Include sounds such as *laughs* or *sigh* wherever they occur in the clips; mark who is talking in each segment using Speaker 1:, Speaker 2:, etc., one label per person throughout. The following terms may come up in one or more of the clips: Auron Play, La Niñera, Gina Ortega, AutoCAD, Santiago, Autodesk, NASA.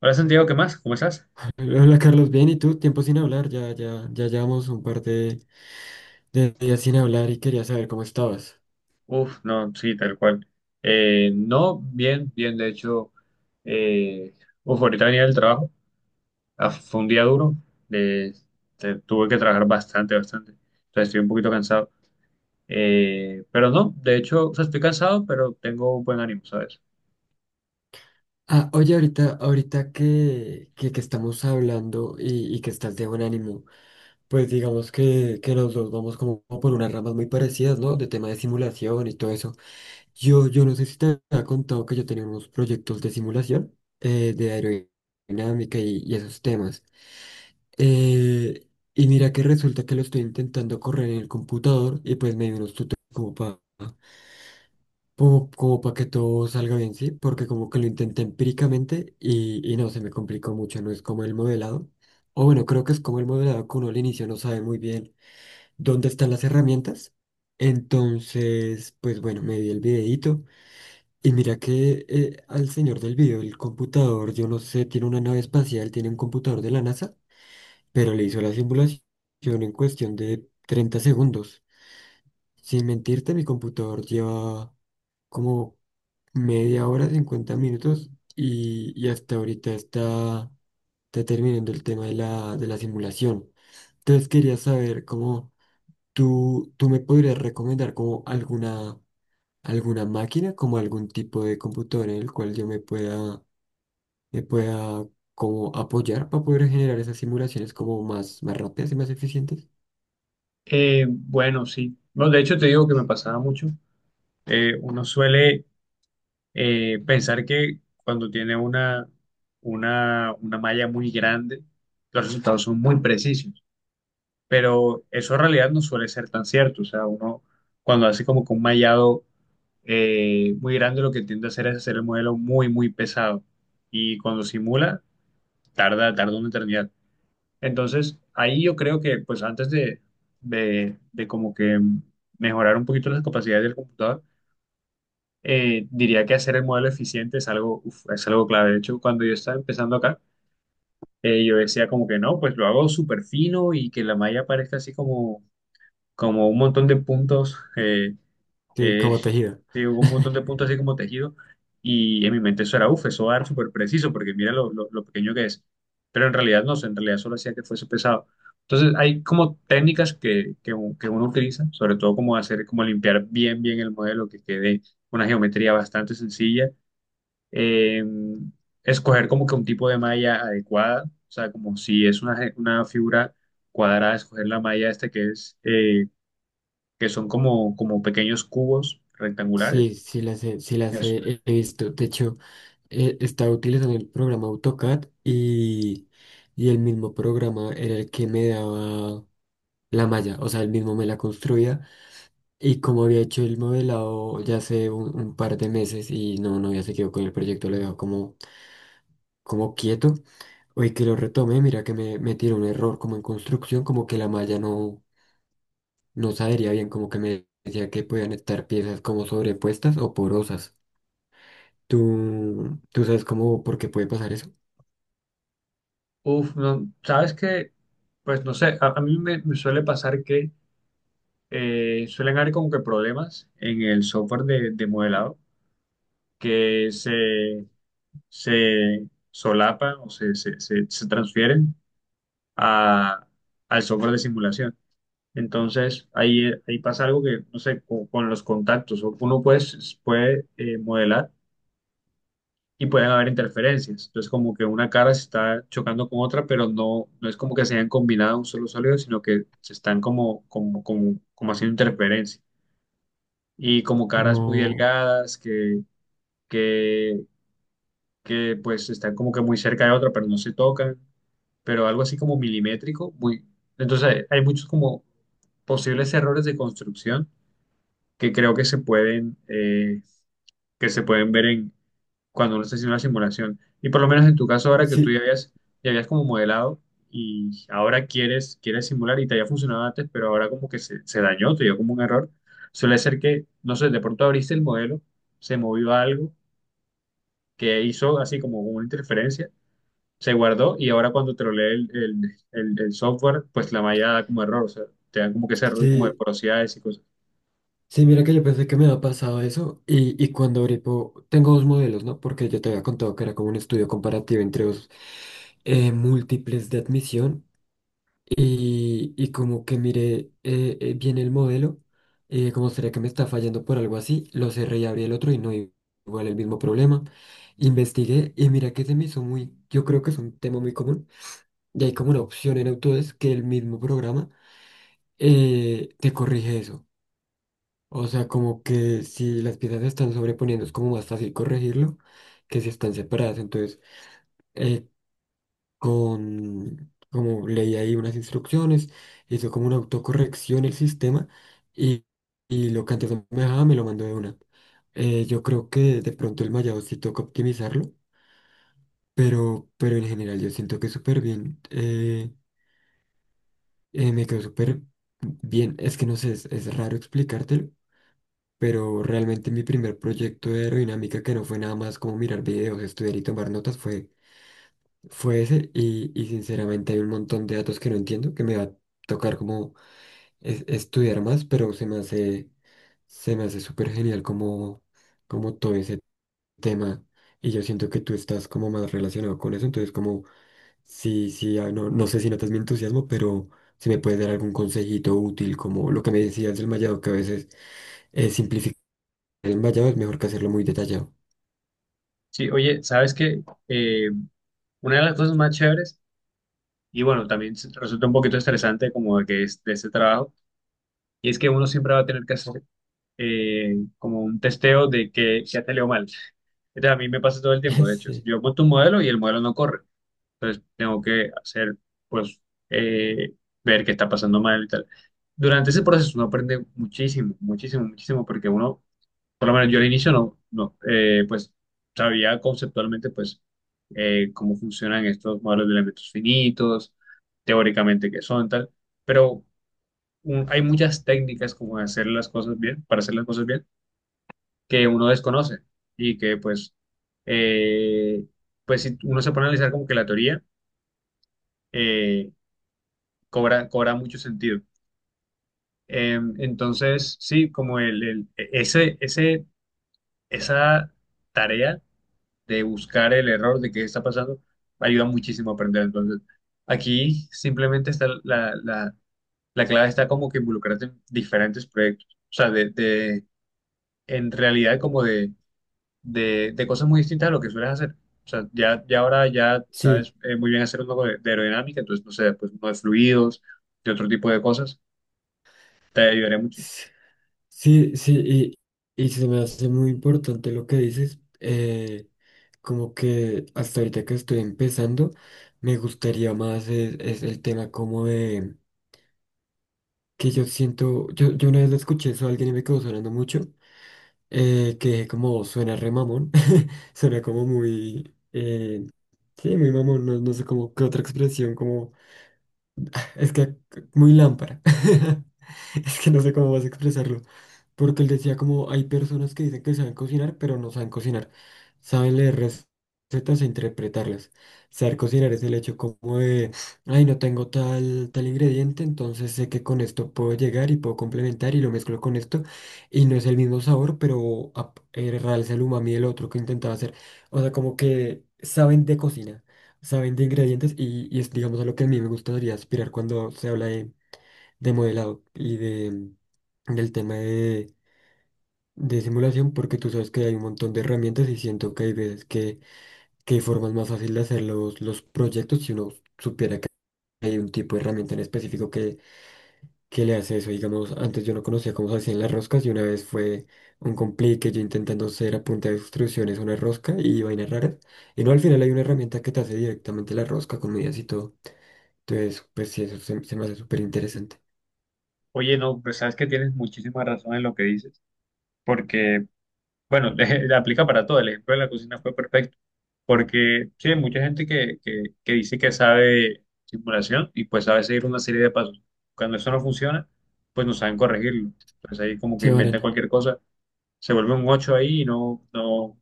Speaker 1: Hola Santiago, ¿qué más? ¿Cómo estás?
Speaker 2: Hola Carlos, bien, ¿y tú? Tiempo sin hablar, ya llevamos un par de días sin hablar y quería saber cómo estabas.
Speaker 1: Uf, no, sí, tal cual. No, bien, bien, de hecho, eh, ahorita venía del trabajo, ah, fue un día duro, eh, tuve que trabajar bastante, bastante, entonces estoy un poquito cansado. Pero no, de hecho, o sea, estoy cansado, pero tengo buen ánimo, ¿sabes?
Speaker 2: Ah, oye, ahorita que estamos hablando y que estás de buen ánimo, pues digamos que los dos vamos como por unas ramas muy parecidas, ¿no? De tema de simulación y todo eso. Yo no sé si te había contado que yo tenía unos proyectos de simulación de aerodinámica y esos temas. Eh, y mira que resulta que lo estoy intentando correr en el computador y pues me dio unos tutoriales como para como pa que todo salga bien, ¿sí? Porque como que lo intenté empíricamente y no, se me complicó mucho, no es como el modelado. O bueno, creo que es como el modelado, que uno al inicio no sabe muy bien dónde están las herramientas. Entonces, pues bueno, me vi el videíto y mira que al señor del video, el computador, yo no sé, tiene una nave espacial, tiene un computador de la NASA, pero le hizo la simulación en cuestión de 30 segundos. Sin mentirte, mi computador lleva como media hora, 50 minutos, y hasta ahorita está, está terminando el tema de la simulación. Entonces quería saber cómo tú me podrías recomendar como alguna, alguna máquina, como algún tipo de computador en el cual yo me pueda como apoyar para poder generar esas simulaciones como más, más rápidas y más eficientes.
Speaker 1: Bueno, sí, no, de hecho te digo que me pasaba mucho. Uno suele pensar que cuando tiene una malla muy grande, los resultados son muy precisos, pero eso en realidad no suele ser tan cierto. O sea, uno cuando hace como que un mallado muy grande, lo que tiende a hacer es hacer el modelo muy, muy pesado. Y cuando simula, tarda una eternidad. Entonces, ahí yo creo que, pues antes de como que mejorar un poquito las capacidades del computador, diría que hacer el modelo eficiente es algo, uf, es algo clave. De hecho, cuando yo estaba empezando acá, yo decía como que no, pues lo hago súper fino y que la malla parezca así como, como un montón de puntos,
Speaker 2: Sí,
Speaker 1: eh,
Speaker 2: como tejido.
Speaker 1: sí, un montón
Speaker 2: *laughs*
Speaker 1: de puntos así como tejido. Y en mi mente eso era, uff, eso va a dar súper preciso porque mira lo pequeño que es. Pero en realidad no, en realidad solo hacía que fuese pesado. Entonces hay como técnicas que uno utiliza, sobre todo como hacer, como limpiar bien, bien el modelo, que quede una geometría bastante sencilla, eh, escoger como que un tipo de malla adecuada, o sea, como si es una figura cuadrada, escoger la malla esta que es, que son como, como pequeños cubos
Speaker 2: Sí,
Speaker 1: rectangulares.
Speaker 2: sí las he, sí las
Speaker 1: Eso.
Speaker 2: he, he visto. De hecho, estaba utilizando el programa AutoCAD y el mismo programa era el que me daba la malla, o sea, el mismo me la construía. Y como había hecho el modelado ya hace un par de meses y no, no había seguido con el proyecto, lo dejó como, como quieto. Hoy que lo retomé, mira que me tiró un error como en construcción, como que la malla no. No sabería bien, como que me decía que podían estar piezas como sobrepuestas o porosas. ¿Tú sabes cómo, por qué puede pasar eso?
Speaker 1: Uf, no, ¿sabes que Pues no sé, a mí me suele pasar que suelen haber como que problemas en el software de modelado que se, se solapan o se transfieren a, al software de simulación. Entonces, ahí pasa algo que, no sé, con los contactos, o uno pues, puede modelar y pueden haber interferencias. Entonces, como que una cara se está chocando con otra, pero no, no es como que se hayan combinado un solo sólido, sino que se están como haciendo interferencia. Y como caras muy
Speaker 2: No.
Speaker 1: delgadas que, que pues están como que muy cerca de otra, pero no se tocan, pero algo así como milimétrico, muy... Entonces, hay muchos como posibles errores de construcción que creo que se pueden, que se pueden ver en, cuando uno está haciendo una simulación. Y por lo menos en tu caso, ahora que tú
Speaker 2: Sí,
Speaker 1: ya habías como modelado y ahora quieres simular y te había funcionado antes, pero ahora como que se dañó, te dio como un error, suele ser que, no sé, de pronto abriste el modelo, se movió algo que hizo así como una interferencia, se guardó y ahora cuando te lo lee el software, pues la malla da como error, o sea, te dan como que ese error como de
Speaker 2: sí,
Speaker 1: porosidades y cosas.
Speaker 2: sí, mira que yo pensé que me había pasado eso y cuando abrí, tengo dos modelos, ¿no? Porque yo te había contado que era como un estudio comparativo entre dos múltiples de admisión. Y como que miré bien el modelo, como sería que me está fallando por algo así, lo cerré y abrí el otro y no i- igual el mismo problema. Investigué y mira que se me hizo muy, yo creo que es un tema muy común. Y hay como una opción en Autodesk que el mismo programa te corrige eso. O sea, como que si las piezas se están sobreponiendo es como más fácil corregirlo que si están separadas. Entonces, eh, con, como leí ahí unas instrucciones, hizo como una autocorrección el sistema y, y lo que antes no me dejaba me lo mandó de una. Yo creo que de pronto el mallado sí toca optimizarlo, pero en general yo siento que súper bien. Me quedó súper bien. Es que no sé, es raro explicártelo, pero realmente mi primer proyecto de aerodinámica, que no fue nada más como mirar videos, estudiar y tomar notas, fue ese y sinceramente hay un montón de datos que no entiendo, que me va a tocar como estudiar más, pero se me hace súper genial como, como todo ese tema. Y yo siento que tú estás como más relacionado con eso, entonces como, sí, sí, ah, no, no sé si notas mi entusiasmo, pero si me puedes dar algún consejito útil, como lo que me decías del mallado, que a veces simplificar el mallado es mejor que hacerlo muy detallado.
Speaker 1: Sí, oye, ¿sabes qué? Eh, Una de las cosas más chéveres, y bueno, también resulta un poquito estresante como de que es de ese trabajo, y es que uno siempre va a tener que hacer como un testeo de que si ha salido mal. Entonces, a mí me pasa todo el tiempo, de hecho. Yo
Speaker 2: *laughs*
Speaker 1: monto un modelo y el modelo no corre. Entonces, tengo que hacer, pues, eh, ver qué está pasando mal y tal. Durante ese proceso uno aprende muchísimo, muchísimo, muchísimo, porque uno, por lo menos yo al inicio no, no, pues sabía conceptualmente, pues, cómo funcionan estos modelos de elementos finitos, teóricamente qué son, tal, pero hay muchas técnicas como de hacer las cosas bien, para hacer las cosas bien, que uno desconoce y que, pues, eh, pues si uno se pone a analizar como que la teoría eh, cobra mucho sentido. Entonces, sí, como ese esa tarea de buscar el error de qué está pasando, ayuda muchísimo a aprender. Entonces, aquí simplemente está la clave está como que involucrarte en diferentes proyectos, o sea, en realidad como de cosas muy distintas a lo que sueles hacer. O sea, ya ahora ya
Speaker 2: Sí,
Speaker 1: sabes muy bien hacer un poco de aerodinámica, entonces, no sé, pues uno de fluidos, de otro tipo de cosas, te ayudaré mucho.
Speaker 2: sí. Sí, sí, y se me hace muy importante lo que dices, como que hasta ahorita que estoy empezando, me gustaría más es el tema como de que yo siento, yo una vez lo escuché eso a alguien y me quedó sonando mucho, que como suena re mamón, *laughs* suena como muy, sí, muy mamón, no, no sé cómo, qué otra expresión, como *laughs* es que muy lámpara. *laughs* Es que no sé cómo vas a expresarlo. Porque él decía como hay personas que dicen que saben cocinar, pero no saben cocinar. Saben leer recetas e interpretarlas. Saber cocinar es el hecho como de, ay, no tengo tal, tal ingrediente, entonces sé que con esto puedo llegar y puedo complementar y lo mezclo con esto. Y no es el mismo sabor, pero realza el umami del otro que intentaba hacer. O sea, como que saben de cocina, saben de ingredientes y es, digamos, a lo que a mí me gustaría aspirar cuando se habla de modelado y de, del tema de simulación, porque tú sabes que hay un montón de herramientas y siento que hay veces que hay formas más fáciles de hacer los proyectos si uno supiera que hay un tipo de herramienta en específico que le hace eso. Digamos, antes yo no conocía cómo se hacían las roscas y una vez fue un complique yo intentando hacer a punta de instrucciones una rosca y vainas raras. Y no, al final hay una herramienta que te hace directamente la rosca con medidas y todo. Entonces, pues sí, eso se, se me hace súper interesante.
Speaker 1: Oye, no, pues sabes que tienes muchísima razón en lo que dices, porque bueno, *laughs* aplica para todo. El ejemplo de la cocina fue perfecto. Porque sí, hay mucha gente que dice que sabe simulación y pues sabe seguir una serie de pasos. Cuando eso no funciona, pues no saben corregirlo. Entonces ahí como que
Speaker 2: Se
Speaker 1: inventa
Speaker 2: varan.
Speaker 1: cualquier cosa, se vuelve un 8 ahí y no, no,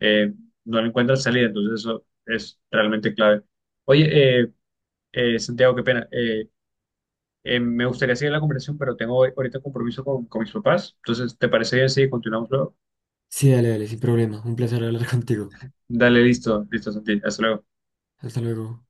Speaker 1: eh, no le encuentra salida. Entonces eso es realmente clave. Oye, Santiago, qué pena. Me gustaría seguir la conversación, pero tengo ahorita un compromiso con mis papás. Entonces, ¿te parece bien si continuamos luego?
Speaker 2: Sí, dale, dale, sin problema. Un placer hablar *laughs* contigo.
Speaker 1: Dale, listo, listo, Santi. Hasta luego.
Speaker 2: Hasta luego.